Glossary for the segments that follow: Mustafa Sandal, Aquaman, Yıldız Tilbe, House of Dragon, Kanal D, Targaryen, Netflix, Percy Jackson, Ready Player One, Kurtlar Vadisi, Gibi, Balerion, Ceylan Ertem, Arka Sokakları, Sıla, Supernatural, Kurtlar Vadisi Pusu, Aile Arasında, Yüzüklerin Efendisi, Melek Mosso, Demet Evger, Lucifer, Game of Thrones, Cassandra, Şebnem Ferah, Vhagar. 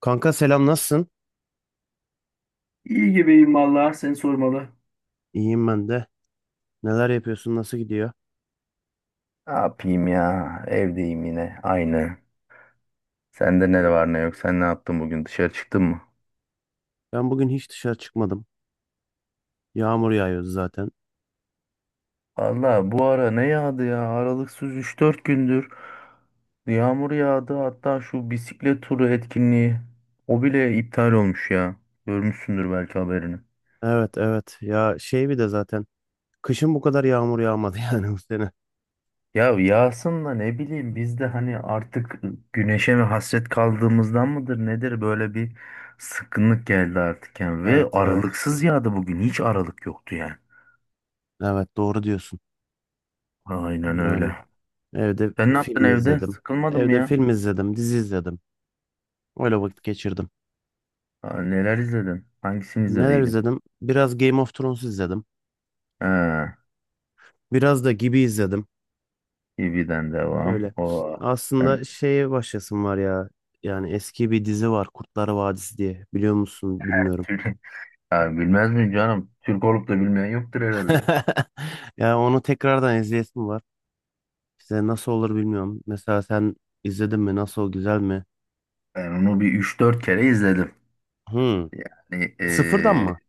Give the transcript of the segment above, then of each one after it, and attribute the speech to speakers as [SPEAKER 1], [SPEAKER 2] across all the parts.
[SPEAKER 1] Kanka selam nasılsın?
[SPEAKER 2] İyi gibiyim vallahi seni sormalı.
[SPEAKER 1] İyiyim ben de. Neler yapıyorsun? Nasıl gidiyor?
[SPEAKER 2] Ne yapayım ya? Evdeyim yine. Aynı. Sende ne var
[SPEAKER 1] Hmm.
[SPEAKER 2] ne yok? Sen ne yaptın bugün? Dışarı çıktın mı?
[SPEAKER 1] Ben bugün hiç dışarı çıkmadım. Yağmur yağıyor zaten.
[SPEAKER 2] Valla bu ara ne yağdı ya? Aralıksız 3-4 gündür yağmur yağdı. Hatta şu bisiklet turu etkinliği o bile iptal olmuş ya. Görmüşsündür belki haberini.
[SPEAKER 1] Evet evet. Ya şey bir de zaten. Kışın bu kadar yağmur yağmadı yani bu sene.
[SPEAKER 2] Ya yağsın da ne bileyim biz de hani artık güneşe mi hasret kaldığımızdan mıdır nedir böyle bir sıkkınlık geldi artık yani ve
[SPEAKER 1] Evet evet.
[SPEAKER 2] aralıksız yağdı, bugün hiç aralık yoktu yani.
[SPEAKER 1] Evet doğru diyorsun.
[SPEAKER 2] Aynen
[SPEAKER 1] Yani
[SPEAKER 2] öyle.
[SPEAKER 1] evde
[SPEAKER 2] Sen ne yaptın
[SPEAKER 1] film
[SPEAKER 2] evde?
[SPEAKER 1] izledim.
[SPEAKER 2] Sıkılmadın mı
[SPEAKER 1] Evde
[SPEAKER 2] ya?
[SPEAKER 1] film izledim, dizi izledim. Öyle vakit geçirdim.
[SPEAKER 2] Aa, neler izledin? Hangisini
[SPEAKER 1] Neler
[SPEAKER 2] izlediydin?
[SPEAKER 1] izledim? Biraz Game of Thrones izledim.
[SPEAKER 2] Ha,
[SPEAKER 1] Biraz da Gibi izledim.
[SPEAKER 2] TV'den devam.
[SPEAKER 1] Öyle.
[SPEAKER 2] O sen
[SPEAKER 1] Aslında şeye başlasın var ya. Yani eski bir dizi var Kurtlar Vadisi diye. Biliyor musun? Bilmiyorum.
[SPEAKER 2] Türk. Ya bilmez miyim canım? Türk olup da bilmeyen yoktur herhalde.
[SPEAKER 1] Ya onu tekrardan izleyesim var. İşte nasıl olur bilmiyorum. Mesela sen izledin mi? Nasıl? Güzel mi?
[SPEAKER 2] Ben onu bir 3-4 kere izledim.
[SPEAKER 1] Hmm.
[SPEAKER 2] Yani
[SPEAKER 1] Sıfırdan
[SPEAKER 2] eee,
[SPEAKER 1] mı?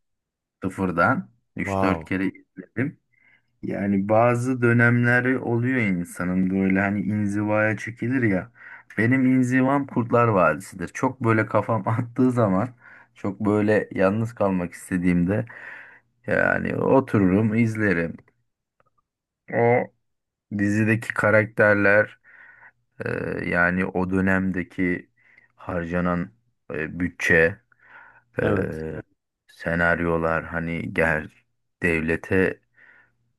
[SPEAKER 2] Sıfırdan 3-4
[SPEAKER 1] Wow.
[SPEAKER 2] kere izledim. Yani bazı dönemleri oluyor insanın, böyle hani inzivaya çekilir ya. Benim inzivam Kurtlar Vadisi'dir. Çok böyle kafam attığı zaman, çok böyle yalnız kalmak istediğimde yani otururum, izlerim. O dizideki karakterler, e, yani o dönemdeki harcanan bütçe, e,
[SPEAKER 1] Evet.
[SPEAKER 2] senaryolar hani devlete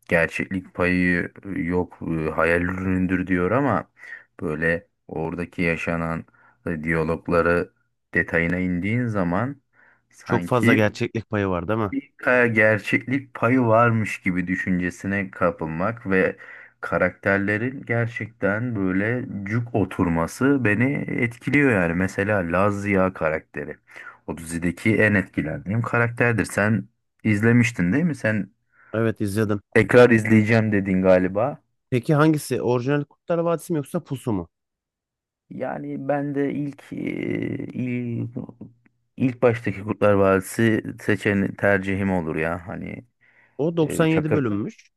[SPEAKER 2] gerçeklik payı yok, hayal ürünüdür diyor ama böyle oradaki yaşanan diyalogları detayına indiğin zaman
[SPEAKER 1] Çok fazla
[SPEAKER 2] sanki
[SPEAKER 1] gerçeklik payı var değil mi?
[SPEAKER 2] bir kaya gerçeklik payı varmış gibi düşüncesine kapılmak ve karakterlerin gerçekten böyle cuk oturması beni etkiliyor yani. Mesela Laz Ziya karakteri. O dizideki en etkilendiğim karakterdir. Sen izlemiştin değil mi?
[SPEAKER 1] Evet izledim.
[SPEAKER 2] Tekrar izleyeceğim dedin galiba.
[SPEAKER 1] Peki hangisi? Orijinal Kurtlar Vadisi mi yoksa Pusu mu?
[SPEAKER 2] Yani ben de ilk il- ilk baştaki Kurtlar Vadisi seçen tercihim olur ya. Hani
[SPEAKER 1] O 97
[SPEAKER 2] Çakır,
[SPEAKER 1] bölünmüş.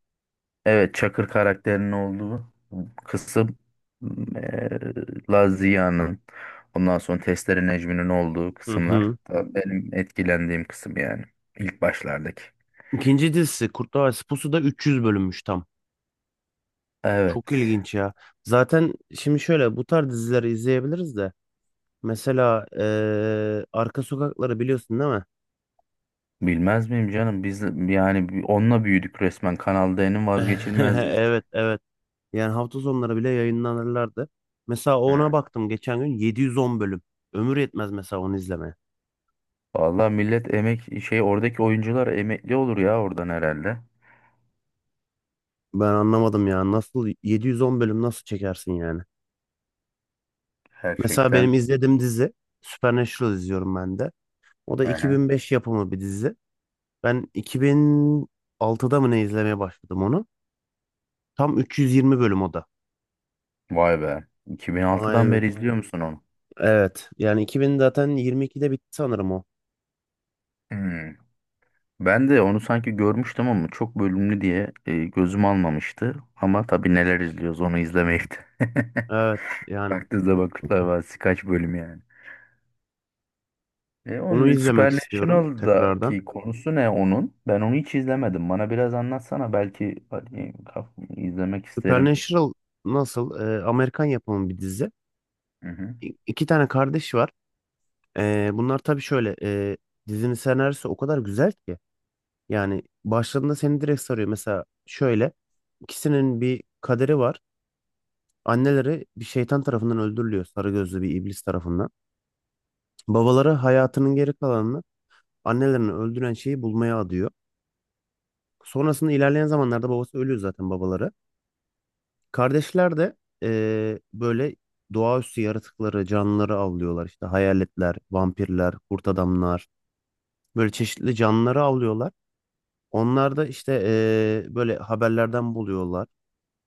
[SPEAKER 2] evet, Çakır karakterinin olduğu kısım, Lazia'nın, ondan sonra Testere Necmi'nin olduğu
[SPEAKER 1] Hı
[SPEAKER 2] kısımlar
[SPEAKER 1] hı.
[SPEAKER 2] da benim etkilendiğim kısım yani ilk başlardaki.
[SPEAKER 1] İkinci dizisi Kurtlar Vadisi Pusu da 300 bölünmüş tam. Çok
[SPEAKER 2] Evet.
[SPEAKER 1] ilginç ya. Zaten şimdi şöyle bu tarz dizileri izleyebiliriz de. Mesela Arka Sokakları biliyorsun değil mi?
[SPEAKER 2] Bilmez miyim canım? Biz yani onunla büyüdük resmen. Kanal D'nin vazgeçilmeziz.
[SPEAKER 1] Evet evet. Yani hafta sonları bile yayınlanırlardı. Mesela ona baktım geçen gün 710 bölüm. Ömür yetmez mesela onu izlemeye.
[SPEAKER 2] Vallahi millet emek şey, oradaki oyuncular emekli olur ya oradan herhalde.
[SPEAKER 1] Ben anlamadım ya. Nasıl 710 bölüm nasıl çekersin yani? Mesela benim
[SPEAKER 2] Gerçekten.
[SPEAKER 1] izlediğim dizi Supernatural izliyorum ben de. O da
[SPEAKER 2] Aha.
[SPEAKER 1] 2005 yapımı bir dizi. Ben 2006'da mı ne izlemeye başladım onu? Tam 320 bölüm o da.
[SPEAKER 2] Vay be. 2006'dan beri
[SPEAKER 1] Aynen.
[SPEAKER 2] izliyor musun onu?
[SPEAKER 1] Evet. Yani 2000 zaten 22'de bitti sanırım o.
[SPEAKER 2] Hmm. Ben de onu sanki görmüştüm ama çok bölümlü diye gözüm almamıştı. Ama tabii neler izliyoruz onu izlemeyip de.
[SPEAKER 1] Evet. Yani
[SPEAKER 2] Baktığınızda bakışlar var. Kaç bölüm yani. E,
[SPEAKER 1] onu
[SPEAKER 2] onun
[SPEAKER 1] izlemek istiyorum tekrardan.
[SPEAKER 2] Supernatural'daki konusu ne onun? Ben onu hiç izlemedim. Bana biraz anlatsana belki hani, izlemek isterim.
[SPEAKER 1] Supernatural nasıl? Amerikan yapımı bir dizi.
[SPEAKER 2] Hı hı.
[SPEAKER 1] İ- iki tane kardeş var. Bunlar tabii şöyle. Dizinin senaryosu o kadar güzel ki. Yani başladığında seni direkt sarıyor. Mesela şöyle. İkisinin bir kaderi var. Anneleri bir şeytan tarafından öldürülüyor. Sarı gözlü bir iblis tarafından. Babaları hayatının geri kalanını annelerini öldüren şeyi bulmaya adıyor. Sonrasında ilerleyen zamanlarda babası ölüyor zaten babaları. Kardeşler de böyle doğaüstü yaratıkları, canlıları avlıyorlar. İşte hayaletler, vampirler, kurt adamlar. Böyle çeşitli canlıları avlıyorlar. Onlar da işte böyle haberlerden buluyorlar.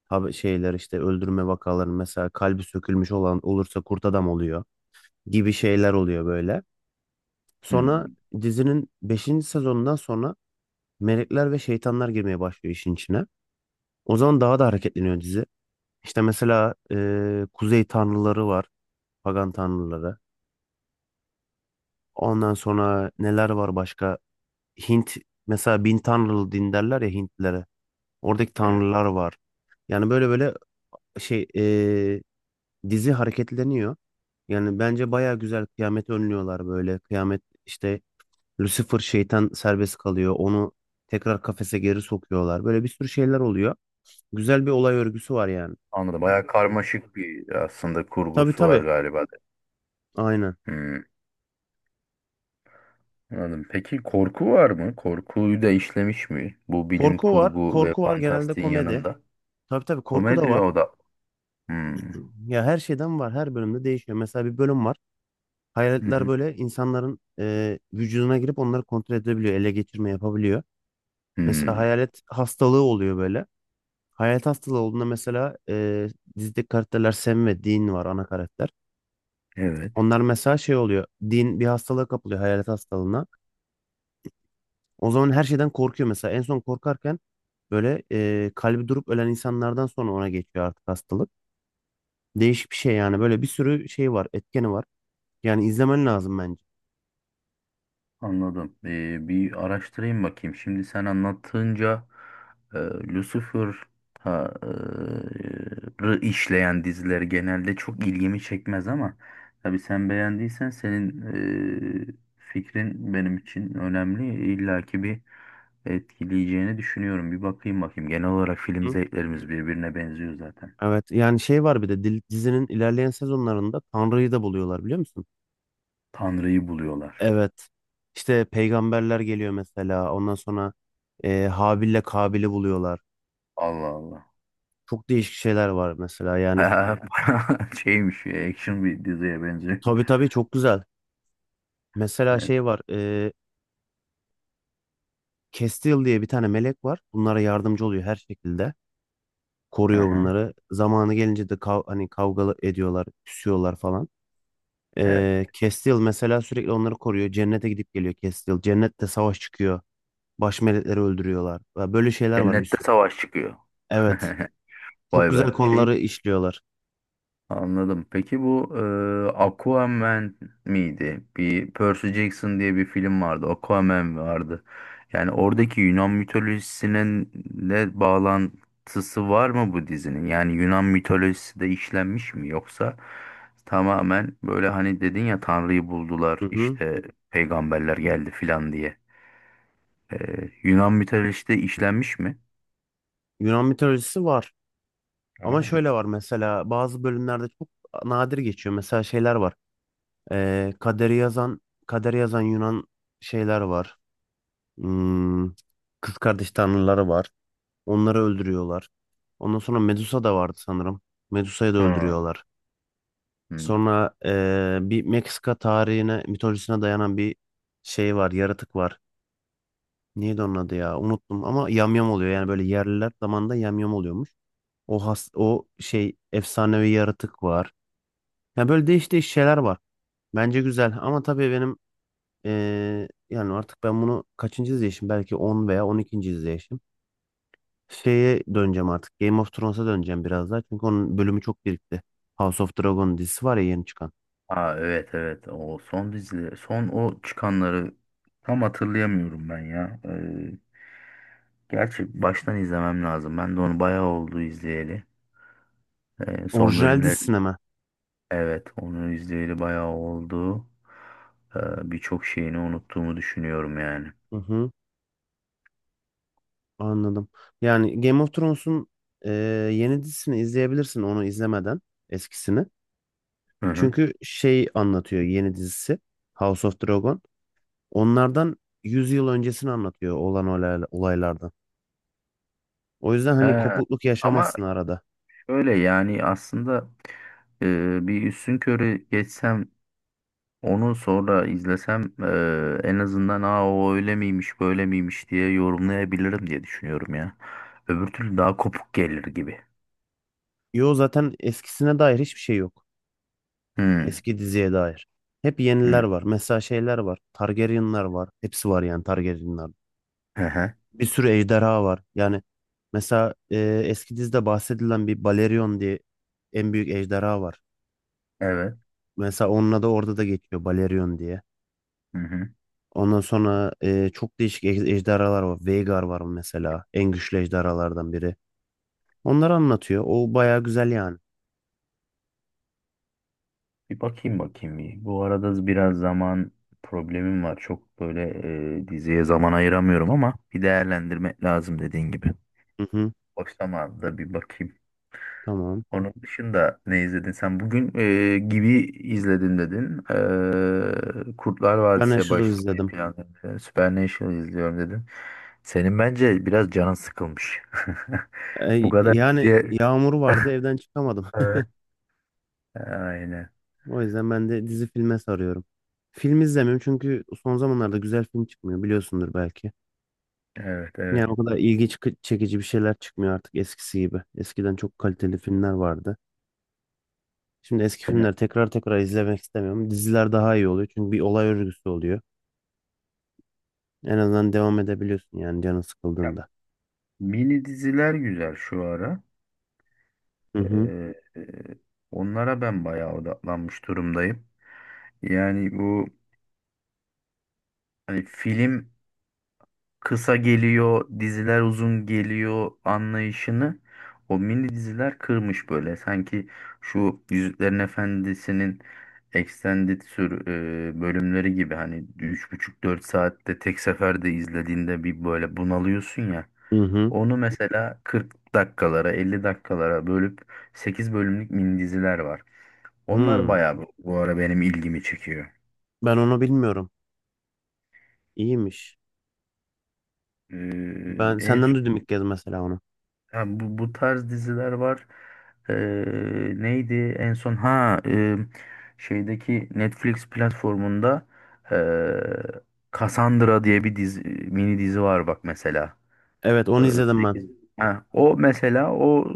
[SPEAKER 1] Haber, şeyler işte öldürme vakaları mesela kalbi sökülmüş olan olursa kurt adam oluyor gibi şeyler oluyor böyle. Sonra
[SPEAKER 2] Hmm.
[SPEAKER 1] dizinin beşinci sezonundan sonra melekler ve şeytanlar girmeye başlıyor işin içine. O zaman daha da hareketleniyor dizi. İşte mesela kuzey tanrıları var, pagan tanrıları. Ondan sonra neler var başka? Hint mesela bin tanrılı din derler ya Hintlilere. Oradaki
[SPEAKER 2] Evet.
[SPEAKER 1] tanrılar var. Yani böyle böyle şey dizi hareketleniyor. Yani bence baya güzel kıyameti önlüyorlar böyle. Kıyamet işte Lucifer şeytan serbest kalıyor. Onu tekrar kafese geri sokuyorlar. Böyle bir sürü şeyler oluyor. Güzel bir olay örgüsü var yani.
[SPEAKER 2] Anladım. Bayağı karmaşık bir aslında
[SPEAKER 1] Tabii
[SPEAKER 2] kurgusu var
[SPEAKER 1] tabii.
[SPEAKER 2] galiba de.
[SPEAKER 1] Aynen.
[SPEAKER 2] Hmm, anladım. Peki korku var mı? Korkuyu da işlemiş mi? Bu bilim
[SPEAKER 1] Korku var.
[SPEAKER 2] kurgu ve
[SPEAKER 1] Korku var genelde
[SPEAKER 2] fantastiğin
[SPEAKER 1] komedi.
[SPEAKER 2] yanında.
[SPEAKER 1] Tabii tabii korku da
[SPEAKER 2] Komedi
[SPEAKER 1] var.
[SPEAKER 2] o da. Hmm.
[SPEAKER 1] Ya her şeyden var. Her bölümde değişiyor. Mesela bir bölüm var.
[SPEAKER 2] Hı
[SPEAKER 1] Hayaletler
[SPEAKER 2] hı.
[SPEAKER 1] böyle insanların vücuduna girip onları kontrol edebiliyor. Ele geçirme yapabiliyor. Mesela
[SPEAKER 2] Hmm.
[SPEAKER 1] hayalet hastalığı oluyor böyle. Hayalet hastalığı olduğunda mesela dizideki karakterler Sam ve Dean var ana karakter.
[SPEAKER 2] Evet.
[SPEAKER 1] Onlar mesela şey oluyor. Dean bir hastalığa kapılıyor hayalet hastalığına. O zaman her şeyden korkuyor mesela. En son korkarken böyle kalbi durup ölen insanlardan sonra ona geçiyor artık hastalık. Değişik bir şey yani. Böyle bir sürü şey var. Etkeni var. Yani izlemen lazım bence.
[SPEAKER 2] Anladım. Bir araştırayım bakayım. Şimdi sen anlattığınca Lucifer ha, e, işleyen diziler genelde çok ilgimi çekmez ama tabii sen beğendiysen, senin fikrin benim için önemli. İlla ki bir etkileyeceğini düşünüyorum. Bir bakayım bakayım. Genel olarak film
[SPEAKER 1] Hı?
[SPEAKER 2] zevklerimiz birbirine benziyor zaten.
[SPEAKER 1] Evet yani şey var bir de dizinin ilerleyen sezonlarında Tanrı'yı da buluyorlar biliyor musun?
[SPEAKER 2] Tanrı'yı buluyorlar.
[SPEAKER 1] Evet. İşte peygamberler geliyor mesela. Ondan sonra Habil'le Kabil'i buluyorlar.
[SPEAKER 2] Allah Allah.
[SPEAKER 1] Çok değişik şeyler var mesela yani.
[SPEAKER 2] Bayağı şeymiş, action bir diziye benziyor.
[SPEAKER 1] Tabii tabii çok güzel. Mesela
[SPEAKER 2] Evet.
[SPEAKER 1] şey var. Kestil diye bir tane melek var. Bunlara yardımcı oluyor her şekilde. Koruyor
[SPEAKER 2] Aha.
[SPEAKER 1] bunları. Zamanı gelince de hani kavga ediyorlar, küsüyorlar falan.
[SPEAKER 2] Evet.
[SPEAKER 1] Kestil mesela sürekli onları koruyor. Cennete gidip geliyor Kestil. Cennette savaş çıkıyor. Baş melekleri öldürüyorlar. Ya böyle şeyler var bir
[SPEAKER 2] Cennette
[SPEAKER 1] sürü.
[SPEAKER 2] savaş çıkıyor.
[SPEAKER 1] Evet. Çok
[SPEAKER 2] Vay be.
[SPEAKER 1] güzel
[SPEAKER 2] Şey,
[SPEAKER 1] konuları işliyorlar.
[SPEAKER 2] anladım. Peki bu Aquaman miydi? Bir Percy Jackson diye bir film vardı. Aquaman vardı. Yani oradaki Yunan mitolojisinin de bağlantısı var mı bu dizinin? Yani Yunan mitolojisi de işlenmiş mi yoksa tamamen böyle hani dedin ya Tanrı'yı buldular
[SPEAKER 1] Hı hı.
[SPEAKER 2] işte peygamberler geldi filan diye. E, Yunan mitolojisi de işlenmiş mi?
[SPEAKER 1] Yunan mitolojisi var. Ama
[SPEAKER 2] Tamam.
[SPEAKER 1] şöyle var mesela bazı bölümlerde çok nadir geçiyor. Mesela şeyler var. Ee, kaderi yazan kaderi yazan Yunan şeyler var. Hmm, kız kardeş tanrıları var. Onları öldürüyorlar. Ondan sonra Medusa da vardı sanırım. Medusa'yı da
[SPEAKER 2] Hı.
[SPEAKER 1] öldürüyorlar.
[SPEAKER 2] Hı.
[SPEAKER 1] Sonra bir Meksika tarihine, mitolojisine dayanan bir şey var, yaratık var. Neydi onun adı ya? Unuttum ama yamyam oluyor. Yani böyle yerliler zamanında yamyam oluyormuş. O şey efsanevi yaratık var. Yani böyle değişik şeyler var. Bence güzel ama tabii benim yani artık ben bunu kaçıncı izleyişim? Belki 10 veya on ikinci izleyişim. Şeye döneceğim artık. Game of Thrones'a döneceğim biraz daha. Çünkü onun bölümü çok birikti. House of Dragon dizisi var ya yeni çıkan.
[SPEAKER 2] Aa, evet evet, o son dizileri, son o çıkanları tam hatırlayamıyorum ben ya. Gerçi baştan izlemem lazım. Ben de onu bayağı oldu izleyeli. Son
[SPEAKER 1] Orijinal
[SPEAKER 2] bölümler,
[SPEAKER 1] dizisine mi?
[SPEAKER 2] evet onu izleyeli bayağı oldu. Birçok şeyini unuttuğumu düşünüyorum yani.
[SPEAKER 1] Hı hı, anladım. Yani Game of Thrones'un e, yeni dizisini izleyebilirsin onu izlemeden eskisini.
[SPEAKER 2] Hı hı.
[SPEAKER 1] Çünkü şey anlatıyor yeni dizisi House of Dragon. Onlardan 100 yıl öncesini anlatıyor olan olaylardan. O yüzden
[SPEAKER 2] He,
[SPEAKER 1] hani kopukluk
[SPEAKER 2] ama
[SPEAKER 1] yaşamazsın arada.
[SPEAKER 2] şöyle yani aslında bir üstün körü geçsem onu sonra izlesem en azından aa o öyle miymiş böyle miymiş diye yorumlayabilirim diye düşünüyorum ya. Öbür türlü daha kopuk gelir gibi.
[SPEAKER 1] Yo zaten eskisine dair hiçbir şey yok.
[SPEAKER 2] Hmm.
[SPEAKER 1] Eski diziye dair. Hep
[SPEAKER 2] Hmm.
[SPEAKER 1] yeniler var. Mesela şeyler var. Targaryenlar var. Hepsi var yani Targaryenlar.
[SPEAKER 2] Hı hı.
[SPEAKER 1] Bir sürü ejderha var. Yani mesela eski dizide bahsedilen bir Balerion diye en büyük ejderha var.
[SPEAKER 2] Evet.
[SPEAKER 1] Mesela onunla da orada da geçiyor Balerion diye.
[SPEAKER 2] Hı hı.
[SPEAKER 1] Ondan sonra çok değişik ejderhalar var. Vhagar var mesela. En güçlü ejderhalardan biri. Onları anlatıyor. O baya güzel yani.
[SPEAKER 2] Bir bakayım bakayım bir. Bu arada biraz zaman problemim var. Çok böyle diziye zaman ayıramıyorum ama bir değerlendirmek lazım dediğin gibi.
[SPEAKER 1] Hı hı,
[SPEAKER 2] Boş zamanında bir bakayım.
[SPEAKER 1] tamam.
[SPEAKER 2] Onun dışında ne izledin sen? Bugün gibi izledin dedin. E, Kurtlar
[SPEAKER 1] Ben
[SPEAKER 2] Vadisi'ye
[SPEAKER 1] aşırı
[SPEAKER 2] başlamayı
[SPEAKER 1] izledim.
[SPEAKER 2] planladın. Supernatural'ı izliyorum dedin. Senin bence biraz canın sıkılmış. Bu kadar
[SPEAKER 1] Yani
[SPEAKER 2] diye.
[SPEAKER 1] yağmur vardı evden çıkamadım.
[SPEAKER 2] Evet. Aynen.
[SPEAKER 1] O yüzden ben de dizi filme sarıyorum. Film izlemiyorum çünkü son zamanlarda güzel film çıkmıyor biliyorsundur belki.
[SPEAKER 2] Evet,
[SPEAKER 1] Yani
[SPEAKER 2] evet.
[SPEAKER 1] o kadar çekici bir şeyler çıkmıyor artık eskisi gibi. Eskiden çok kaliteli filmler vardı. Şimdi eski
[SPEAKER 2] Aynen.
[SPEAKER 1] filmleri tekrar tekrar izlemek istemiyorum. Diziler daha iyi oluyor çünkü bir olay örgüsü oluyor. En azından devam edebiliyorsun yani canın
[SPEAKER 2] Ya,
[SPEAKER 1] sıkıldığında.
[SPEAKER 2] mini diziler güzel şu ara.
[SPEAKER 1] Hı
[SPEAKER 2] E,
[SPEAKER 1] hı.
[SPEAKER 2] e, onlara ben bayağı odaklanmış durumdayım. Yani bu hani film kısa geliyor, diziler uzun geliyor anlayışını o mini diziler kırmış böyle. Sanki şu Yüzüklerin Efendisi'nin extended sür bölümleri gibi hani üç buçuk dört saatte tek seferde izlediğinde bir böyle bunalıyorsun ya.
[SPEAKER 1] Hı hı.
[SPEAKER 2] Onu mesela 40 dakikalara, 50 dakikalara bölüp 8 bölümlük mini diziler var. Onlar
[SPEAKER 1] Hı.
[SPEAKER 2] bayağı bu bu ara benim ilgimi çekiyor.
[SPEAKER 1] Ben onu bilmiyorum. İyiymiş.
[SPEAKER 2] Ee,
[SPEAKER 1] Ben
[SPEAKER 2] en
[SPEAKER 1] senden duydum ilk kez mesela onu.
[SPEAKER 2] Yani bu, bu tarz diziler var. Ee, neydi en son? Ha, şeydeki Netflix platformunda Cassandra diye bir dizi, mini dizi var bak mesela.
[SPEAKER 1] Evet onu
[SPEAKER 2] Ee,
[SPEAKER 1] izledim ben.
[SPEAKER 2] sekiz- Ha, o mesela o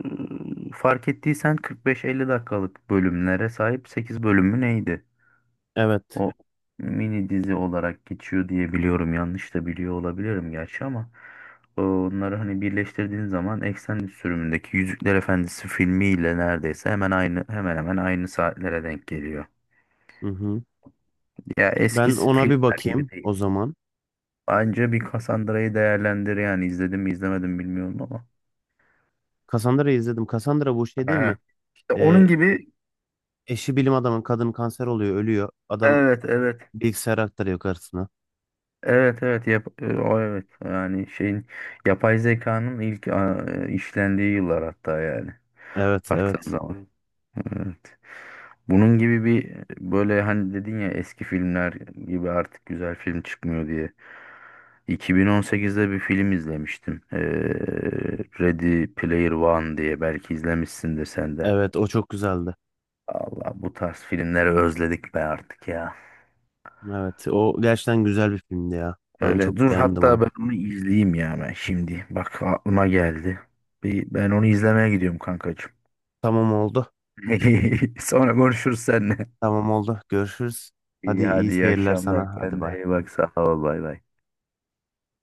[SPEAKER 2] fark ettiysen 45-50 dakikalık bölümlere sahip 8 bölümü neydi?
[SPEAKER 1] Evet.
[SPEAKER 2] O mini dizi olarak geçiyor diye biliyorum. Yanlış da biliyor olabilirim gerçi ama onları hani birleştirdiğin zaman extended sürümündeki Yüzükler Efendisi filmiyle neredeyse hemen aynı, hemen hemen aynı saatlere denk geliyor.
[SPEAKER 1] Hı hı.
[SPEAKER 2] Ya eski
[SPEAKER 1] Ben ona bir
[SPEAKER 2] filmler gibi
[SPEAKER 1] bakayım o
[SPEAKER 2] değil.
[SPEAKER 1] zaman.
[SPEAKER 2] Bence bir Cassandra'yı değerlendir yani, izledim mi izlemedim bilmiyorum ama.
[SPEAKER 1] Cassandra'yı izledim. Cassandra bu şey değil mi?
[SPEAKER 2] Aha. İşte
[SPEAKER 1] Ee,
[SPEAKER 2] onun gibi,
[SPEAKER 1] eşi bilim adamın kadın kanser oluyor, ölüyor. Adam
[SPEAKER 2] evet evet.
[SPEAKER 1] bilgisayar aktarıyor karısına.
[SPEAKER 2] Evet evet, o evet yani şeyin, yapay zekanın ilk işlendiği yıllar hatta yani,
[SPEAKER 1] Evet,
[SPEAKER 2] baktığın, Evet,
[SPEAKER 1] evet.
[SPEAKER 2] zaman. Evet. Bunun gibi bir, böyle hani dedin ya eski filmler gibi artık güzel film çıkmıyor diye. 2018'de bir film izlemiştim. Ready Player One diye, belki izlemişsindir sen de.
[SPEAKER 1] Evet o çok güzeldi.
[SPEAKER 2] Allah, bu tarz filmleri özledik be artık ya.
[SPEAKER 1] Evet o gerçekten güzel bir filmdi ya. Ben çok
[SPEAKER 2] Öyle dur,
[SPEAKER 1] beğendim onu.
[SPEAKER 2] hatta ben onu izleyeyim ya ben şimdi. Bak, aklıma geldi. Bir, ben onu izlemeye gidiyorum kankacığım.
[SPEAKER 1] Tamam oldu.
[SPEAKER 2] Sonra konuşuruz seninle.
[SPEAKER 1] Tamam oldu. Görüşürüz. Hadi
[SPEAKER 2] İyi, hadi
[SPEAKER 1] iyi
[SPEAKER 2] iyi
[SPEAKER 1] seyirler
[SPEAKER 2] akşamlar.
[SPEAKER 1] sana. Hadi
[SPEAKER 2] Kendine
[SPEAKER 1] bay.
[SPEAKER 2] iyi bak. Sağ ol. Bay bay.